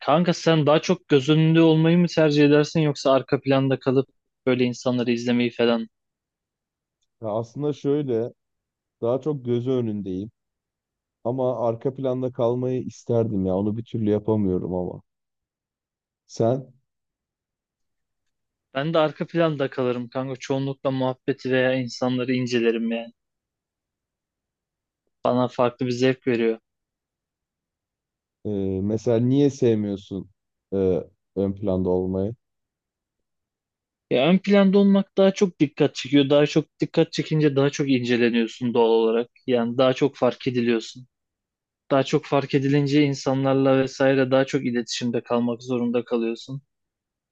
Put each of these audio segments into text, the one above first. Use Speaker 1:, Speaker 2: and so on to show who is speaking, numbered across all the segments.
Speaker 1: Kanka sen daha çok göz önünde olmayı mı tercih edersin yoksa arka planda kalıp böyle insanları izlemeyi falan?
Speaker 2: Ya aslında şöyle, daha çok gözü önündeyim. Ama arka planda kalmayı isterdim ya. Onu bir türlü yapamıyorum ama. Sen
Speaker 1: Ben de arka planda kalırım kanka. Çoğunlukla muhabbeti veya insanları incelerim yani. Bana farklı bir zevk veriyor.
Speaker 2: e, mesela niye sevmiyorsun e, ön planda olmayı?
Speaker 1: Ya ön planda olmak daha çok dikkat çekiyor. Daha çok dikkat çekince daha çok inceleniyorsun doğal olarak. Yani daha çok fark ediliyorsun. Daha çok fark edilince insanlarla vesaire daha çok iletişimde kalmak zorunda kalıyorsun.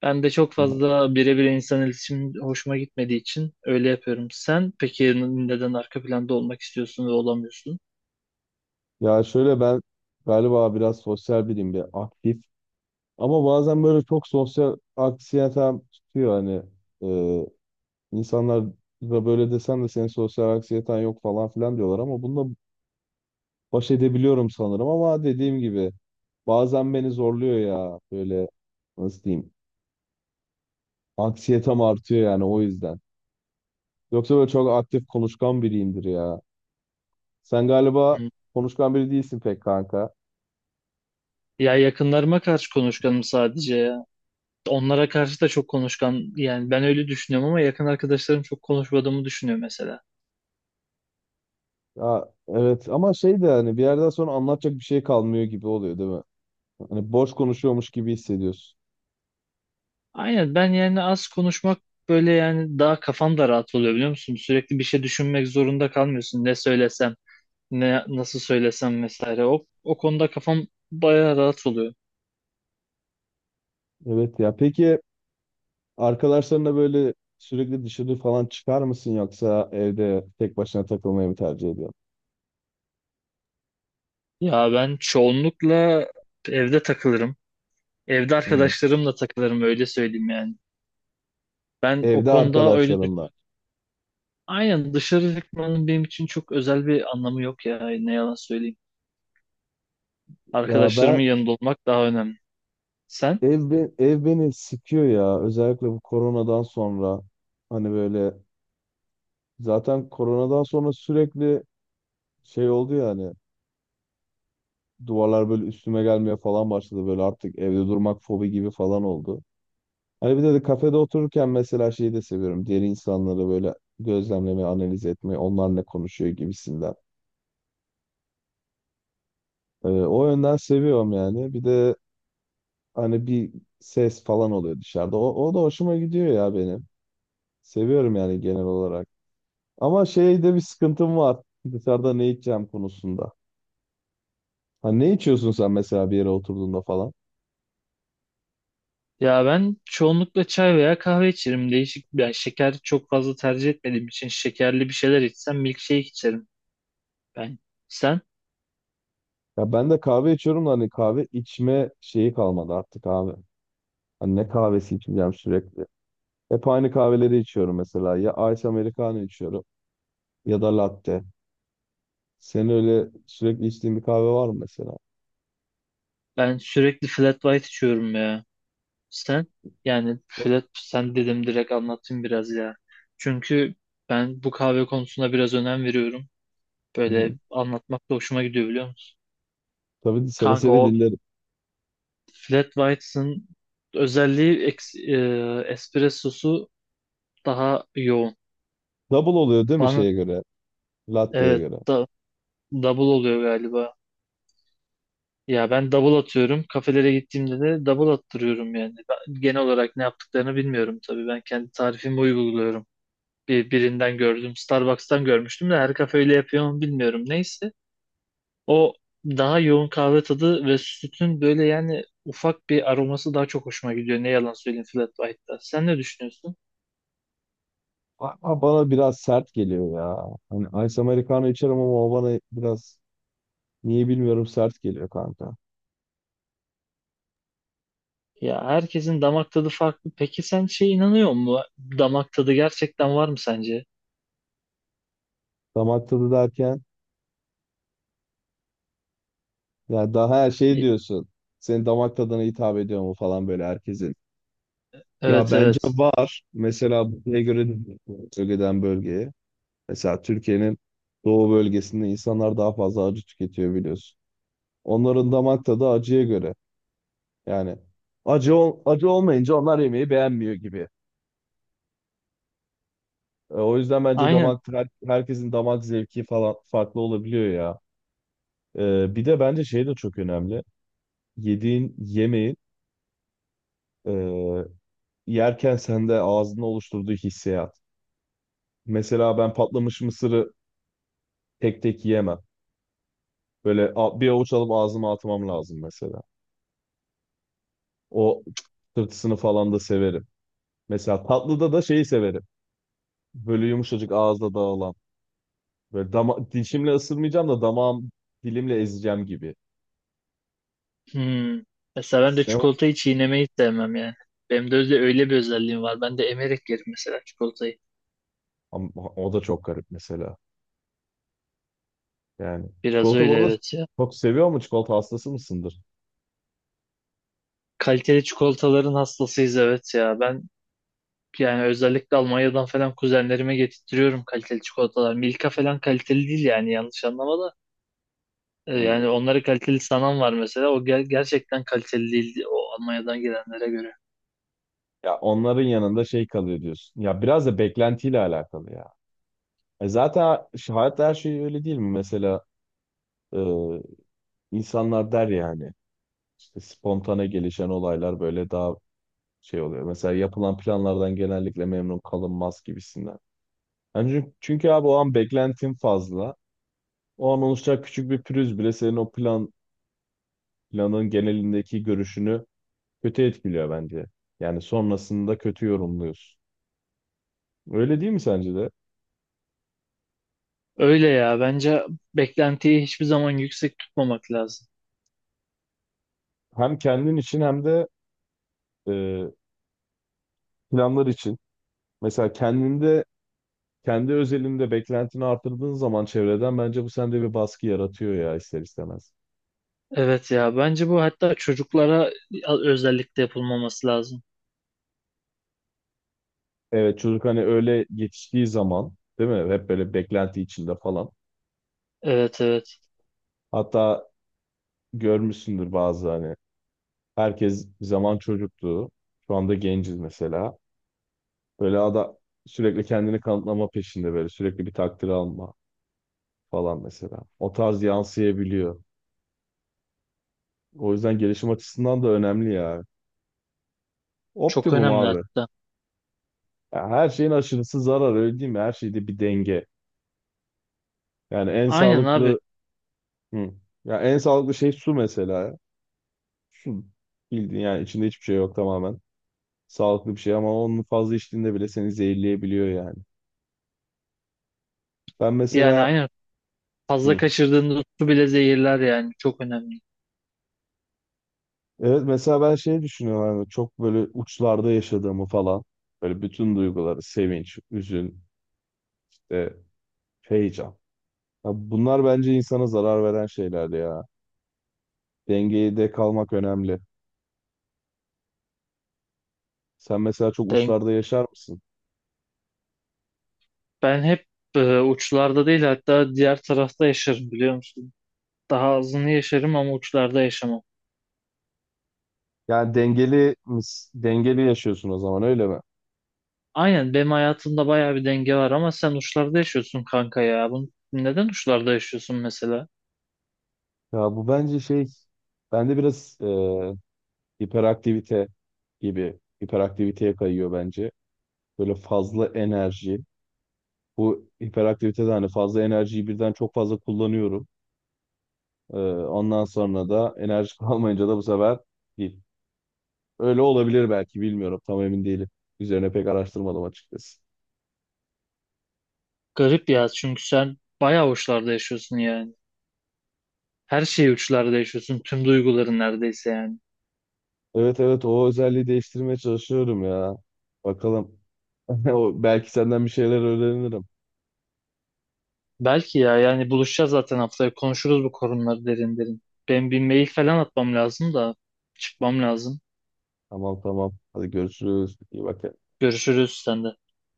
Speaker 1: Ben de çok fazla birebir insan iletişim hoşuma gitmediği için öyle yapıyorum. Sen peki neden arka planda olmak istiyorsun ve olamıyorsun?
Speaker 2: Ya şöyle ben galiba biraz sosyal biriyim, bir aktif. Ama bazen böyle çok sosyal anksiyetem tutuyor hani. E, insanlar da böyle desen de senin sosyal anksiyeten yok falan filan diyorlar ama bunda baş edebiliyorum sanırım ama dediğim gibi bazen beni zorluyor ya böyle nasıl diyeyim anksiyetem artıyor yani o yüzden. Yoksa böyle çok aktif konuşkan biriyimdir ya. Sen galiba
Speaker 1: Hı.
Speaker 2: konuşkan biri değilsin pek kanka.
Speaker 1: Ya yakınlarıma karşı konuşkanım sadece ya. Onlara karşı da çok konuşkan yani ben öyle düşünüyorum ama yakın arkadaşlarım çok konuşmadığımı düşünüyor mesela.
Speaker 2: Ya evet ama şey de hani bir yerden sonra anlatacak bir şey kalmıyor gibi oluyor değil mi? Hani boş konuşuyormuş gibi hissediyorsun.
Speaker 1: Aynen ben yani az konuşmak böyle yani daha kafam da rahat oluyor biliyor musun? Sürekli bir şey düşünmek zorunda kalmıyorsun. Ne söylesem, ne nasıl söylesem vesaire. O konuda kafam bayağı rahat oluyor.
Speaker 2: Evet ya peki arkadaşlarınla böyle sürekli dışarı falan çıkar mısın yoksa evde tek başına takılmayı mı tercih ediyorsun?
Speaker 1: Ya ben çoğunlukla evde takılırım. Evde
Speaker 2: Hı hı.
Speaker 1: arkadaşlarımla takılırım öyle söyleyeyim yani. Ben o
Speaker 2: Evde
Speaker 1: konuda öyle düş
Speaker 2: arkadaşlarınla.
Speaker 1: Aynen dışarı çıkmanın benim için çok özel bir anlamı yok ya ne yalan söyleyeyim.
Speaker 2: Ya
Speaker 1: Arkadaşlarımın
Speaker 2: ben
Speaker 1: yanında olmak daha önemli. Sen?
Speaker 2: ev beni sıkıyor ya özellikle bu koronadan sonra hani böyle zaten koronadan sonra sürekli şey oldu ya hani duvarlar böyle üstüme gelmeye falan başladı böyle artık evde durmak fobi gibi falan oldu. Hani bir de kafede otururken mesela şeyi de seviyorum diğer insanları böyle gözlemlemeyi analiz etmeyi onlar ne konuşuyor gibisinden. O yönden seviyorum yani bir de hani bir ses falan oluyor dışarıda o da hoşuma gidiyor ya benim. Seviyorum yani genel olarak. Ama şeyde bir sıkıntım var. Dışarıda ne içeceğim konusunda. Ha ne içiyorsun sen mesela bir yere oturduğunda falan?
Speaker 1: Ya ben çoğunlukla çay veya kahve içerim. Değişik yani şeker çok fazla tercih etmediğim için şekerli bir şeyler içsem milkshake içerim ben. Sen?
Speaker 2: Ya ben de kahve içiyorum da hani kahve içme şeyi kalmadı artık abi. Hani ne kahvesi içeceğim sürekli. Hep aynı kahveleri içiyorum mesela. Ya Ice Americano içiyorum ya da latte. Senin öyle sürekli içtiğin bir kahve var mı mesela?
Speaker 1: Ben sürekli flat white içiyorum ya. Sen yani Fred, sen dedim direkt anlatayım biraz ya. Çünkü ben bu kahve konusuna biraz önem veriyorum.
Speaker 2: Hı hı.
Speaker 1: Böyle anlatmak da hoşuma gidiyor biliyor musun?
Speaker 2: Tabii seve
Speaker 1: Kanka
Speaker 2: seve
Speaker 1: o
Speaker 2: dinlerim.
Speaker 1: flat whites'ın özelliği espressosu daha yoğun.
Speaker 2: Double oluyor değil mi
Speaker 1: Bana
Speaker 2: şeye göre? Latte'ye
Speaker 1: evet
Speaker 2: göre.
Speaker 1: da, double oluyor galiba. Ya ben double atıyorum. Kafelere gittiğimde de double attırıyorum yani. Ben genel olarak ne yaptıklarını bilmiyorum tabii. Ben kendi tarifimi uyguluyorum. Birinden gördüm. Starbucks'tan görmüştüm de her kafe öyle yapıyor mu bilmiyorum. Neyse. O daha yoğun kahve tadı ve sütün böyle yani ufak bir aroması daha çok hoşuma gidiyor. Ne yalan söyleyeyim Flat White'da. Sen ne düşünüyorsun?
Speaker 2: Ama bana biraz sert geliyor ya. Hani Ice Americano içerim ama o bana biraz niye bilmiyorum sert geliyor kanka.
Speaker 1: Ya herkesin damak tadı farklı. Peki sen şey inanıyor musun? Damak tadı gerçekten var mı sence?
Speaker 2: Damak tadı derken ya daha her şey
Speaker 1: İ-
Speaker 2: diyorsun. Senin damak tadına hitap ediyor mu falan böyle herkesin. Ya
Speaker 1: Evet,
Speaker 2: bence
Speaker 1: evet.
Speaker 2: var. Mesela buraya göre de bölgeden bölgeye. Mesela Türkiye'nin doğu bölgesinde insanlar daha fazla acı tüketiyor biliyorsun. Onların damak tadı acıya göre. Yani acı olmayınca onlar yemeği beğenmiyor gibi. O yüzden bence
Speaker 1: Aynen.
Speaker 2: herkesin damak zevki falan farklı olabiliyor ya. E, bir de bence şey de çok önemli. Yediğin yemeğin e, yerken sende ağzında oluşturduğu hissiyat. Mesela ben patlamış mısırı tek tek yiyemem. Böyle bir avuç alıp ağzıma atmam lazım mesela. O tırtısını falan da severim. Mesela tatlıda da şeyi severim. Böyle yumuşacık ağızda dağılan. Böyle dama dişimle ısırmayacağım da damağım dilimle ezeceğim gibi.
Speaker 1: Hmm. Mesela ben de
Speaker 2: Sen-
Speaker 1: çikolatayı çiğnemeyi sevmem yani. Benim de öyle bir özelliğim var. Ben de emerek yerim mesela çikolatayı.
Speaker 2: Ama o da çok garip mesela. Yani
Speaker 1: Biraz
Speaker 2: çikolata bu
Speaker 1: öyle
Speaker 2: arada
Speaker 1: evet ya.
Speaker 2: çok seviyor mu? Çikolata hastası mısındır?
Speaker 1: Kaliteli çikolataların hastasıyız evet ya. Ben yani özellikle Almanya'dan falan kuzenlerime getirtiyorum kaliteli çikolatalar. Milka falan kaliteli değil yani yanlış anlama da. Yani
Speaker 2: Hmm.
Speaker 1: onları kaliteli sanan var mesela. O gerçekten kaliteli değil o Almanya'dan gelenlere göre.
Speaker 2: Ya onların yanında şey kalıyor diyorsun. Ya biraz da beklentiyle alakalı ya. E zaten şu hayatta her şey öyle değil mi? Mesela e, insanlar der yani işte spontane gelişen olaylar böyle daha şey oluyor. Mesela yapılan planlardan genellikle memnun kalınmaz gibisinden. Yani çünkü abi o an beklentin fazla. O an oluşacak küçük bir pürüz bile senin o plan planın genelindeki görüşünü kötü etkiliyor bence. Yani sonrasında kötü yorumluyorsun. Öyle değil mi sence de?
Speaker 1: Öyle ya bence beklentiyi hiçbir zaman yüksek tutmamak lazım.
Speaker 2: Hem kendin için hem de e, planlar için. Mesela kendinde, kendi özelinde beklentini artırdığın zaman çevreden bence bu sende bir baskı yaratıyor ya ister istemez.
Speaker 1: Evet ya bence bu hatta çocuklara özellikle yapılmaması lazım.
Speaker 2: Evet çocuk hani öyle yetiştiği zaman değil mi? Hep böyle beklenti içinde falan.
Speaker 1: Evet, evet,
Speaker 2: Hatta görmüşsündür bazı hani herkes bir zaman çocuktu. Şu anda genciz mesela. Böyle ada, sürekli kendini kanıtlama peşinde böyle sürekli bir takdir alma falan mesela. O tarz yansıyabiliyor. O yüzden gelişim açısından da önemli ya.
Speaker 1: çok
Speaker 2: Optimum
Speaker 1: önemli
Speaker 2: abi.
Speaker 1: hatta.
Speaker 2: Ya her şeyin aşırısı zarar öyle değil mi? Her şeyde bir denge. Yani en
Speaker 1: Aynen abi,
Speaker 2: sağlıklı hı. Ya en sağlıklı şey su mesela. Ya. Su bildiğin yani içinde hiçbir şey yok tamamen. Sağlıklı bir şey ama onun fazla içtiğinde bile seni zehirleyebiliyor yani. Ben
Speaker 1: yani
Speaker 2: mesela
Speaker 1: aynen. Fazla
Speaker 2: hı.
Speaker 1: kaçırdığında su bile zehirler yani çok önemli.
Speaker 2: Evet mesela ben şey düşünüyorum hani çok böyle uçlarda yaşadığımı falan. Böyle bütün duyguları sevinç, üzün, işte heyecan. Ya bunlar bence insana zarar veren şeyler ya. Dengeyi de kalmak önemli. Sen mesela çok
Speaker 1: Denk.
Speaker 2: uçlarda yaşar mısın?
Speaker 1: Ben hep uçlarda değil, hatta diğer tarafta yaşarım biliyor musun? Daha azını yaşarım ama uçlarda yaşamam.
Speaker 2: Yani dengeli yaşıyorsun o zaman öyle mi?
Speaker 1: Aynen benim hayatımda bayağı bir denge var ama sen uçlarda yaşıyorsun kanka ya. Bunu, neden uçlarda yaşıyorsun mesela?
Speaker 2: Ya bu bence şey bende biraz hiperaktivite gibi hiperaktiviteye kayıyor bence. Böyle fazla enerji. Bu hiperaktivitede hani fazla enerjiyi birden çok fazla kullanıyorum. E, ondan sonra da enerji kalmayınca da bu sefer öyle olabilir belki bilmiyorum. Tam emin değilim. Üzerine pek araştırmadım açıkçası.
Speaker 1: Garip ya çünkü sen bayağı uçlarda yaşıyorsun yani. Her şeyi uçlarda yaşıyorsun. Tüm duyguların neredeyse yani.
Speaker 2: Evet evet o özelliği değiştirmeye çalışıyorum ya. Bakalım. O- Belki senden bir şeyler öğrenirim.
Speaker 1: Belki ya, yani buluşacağız zaten haftaya konuşuruz bu konuları derin derin. Ben bir mail falan atmam lazım da çıkmam lazım.
Speaker 2: Tamam tamam. Hadi görüşürüz. İyi bak.
Speaker 1: Görüşürüz sende.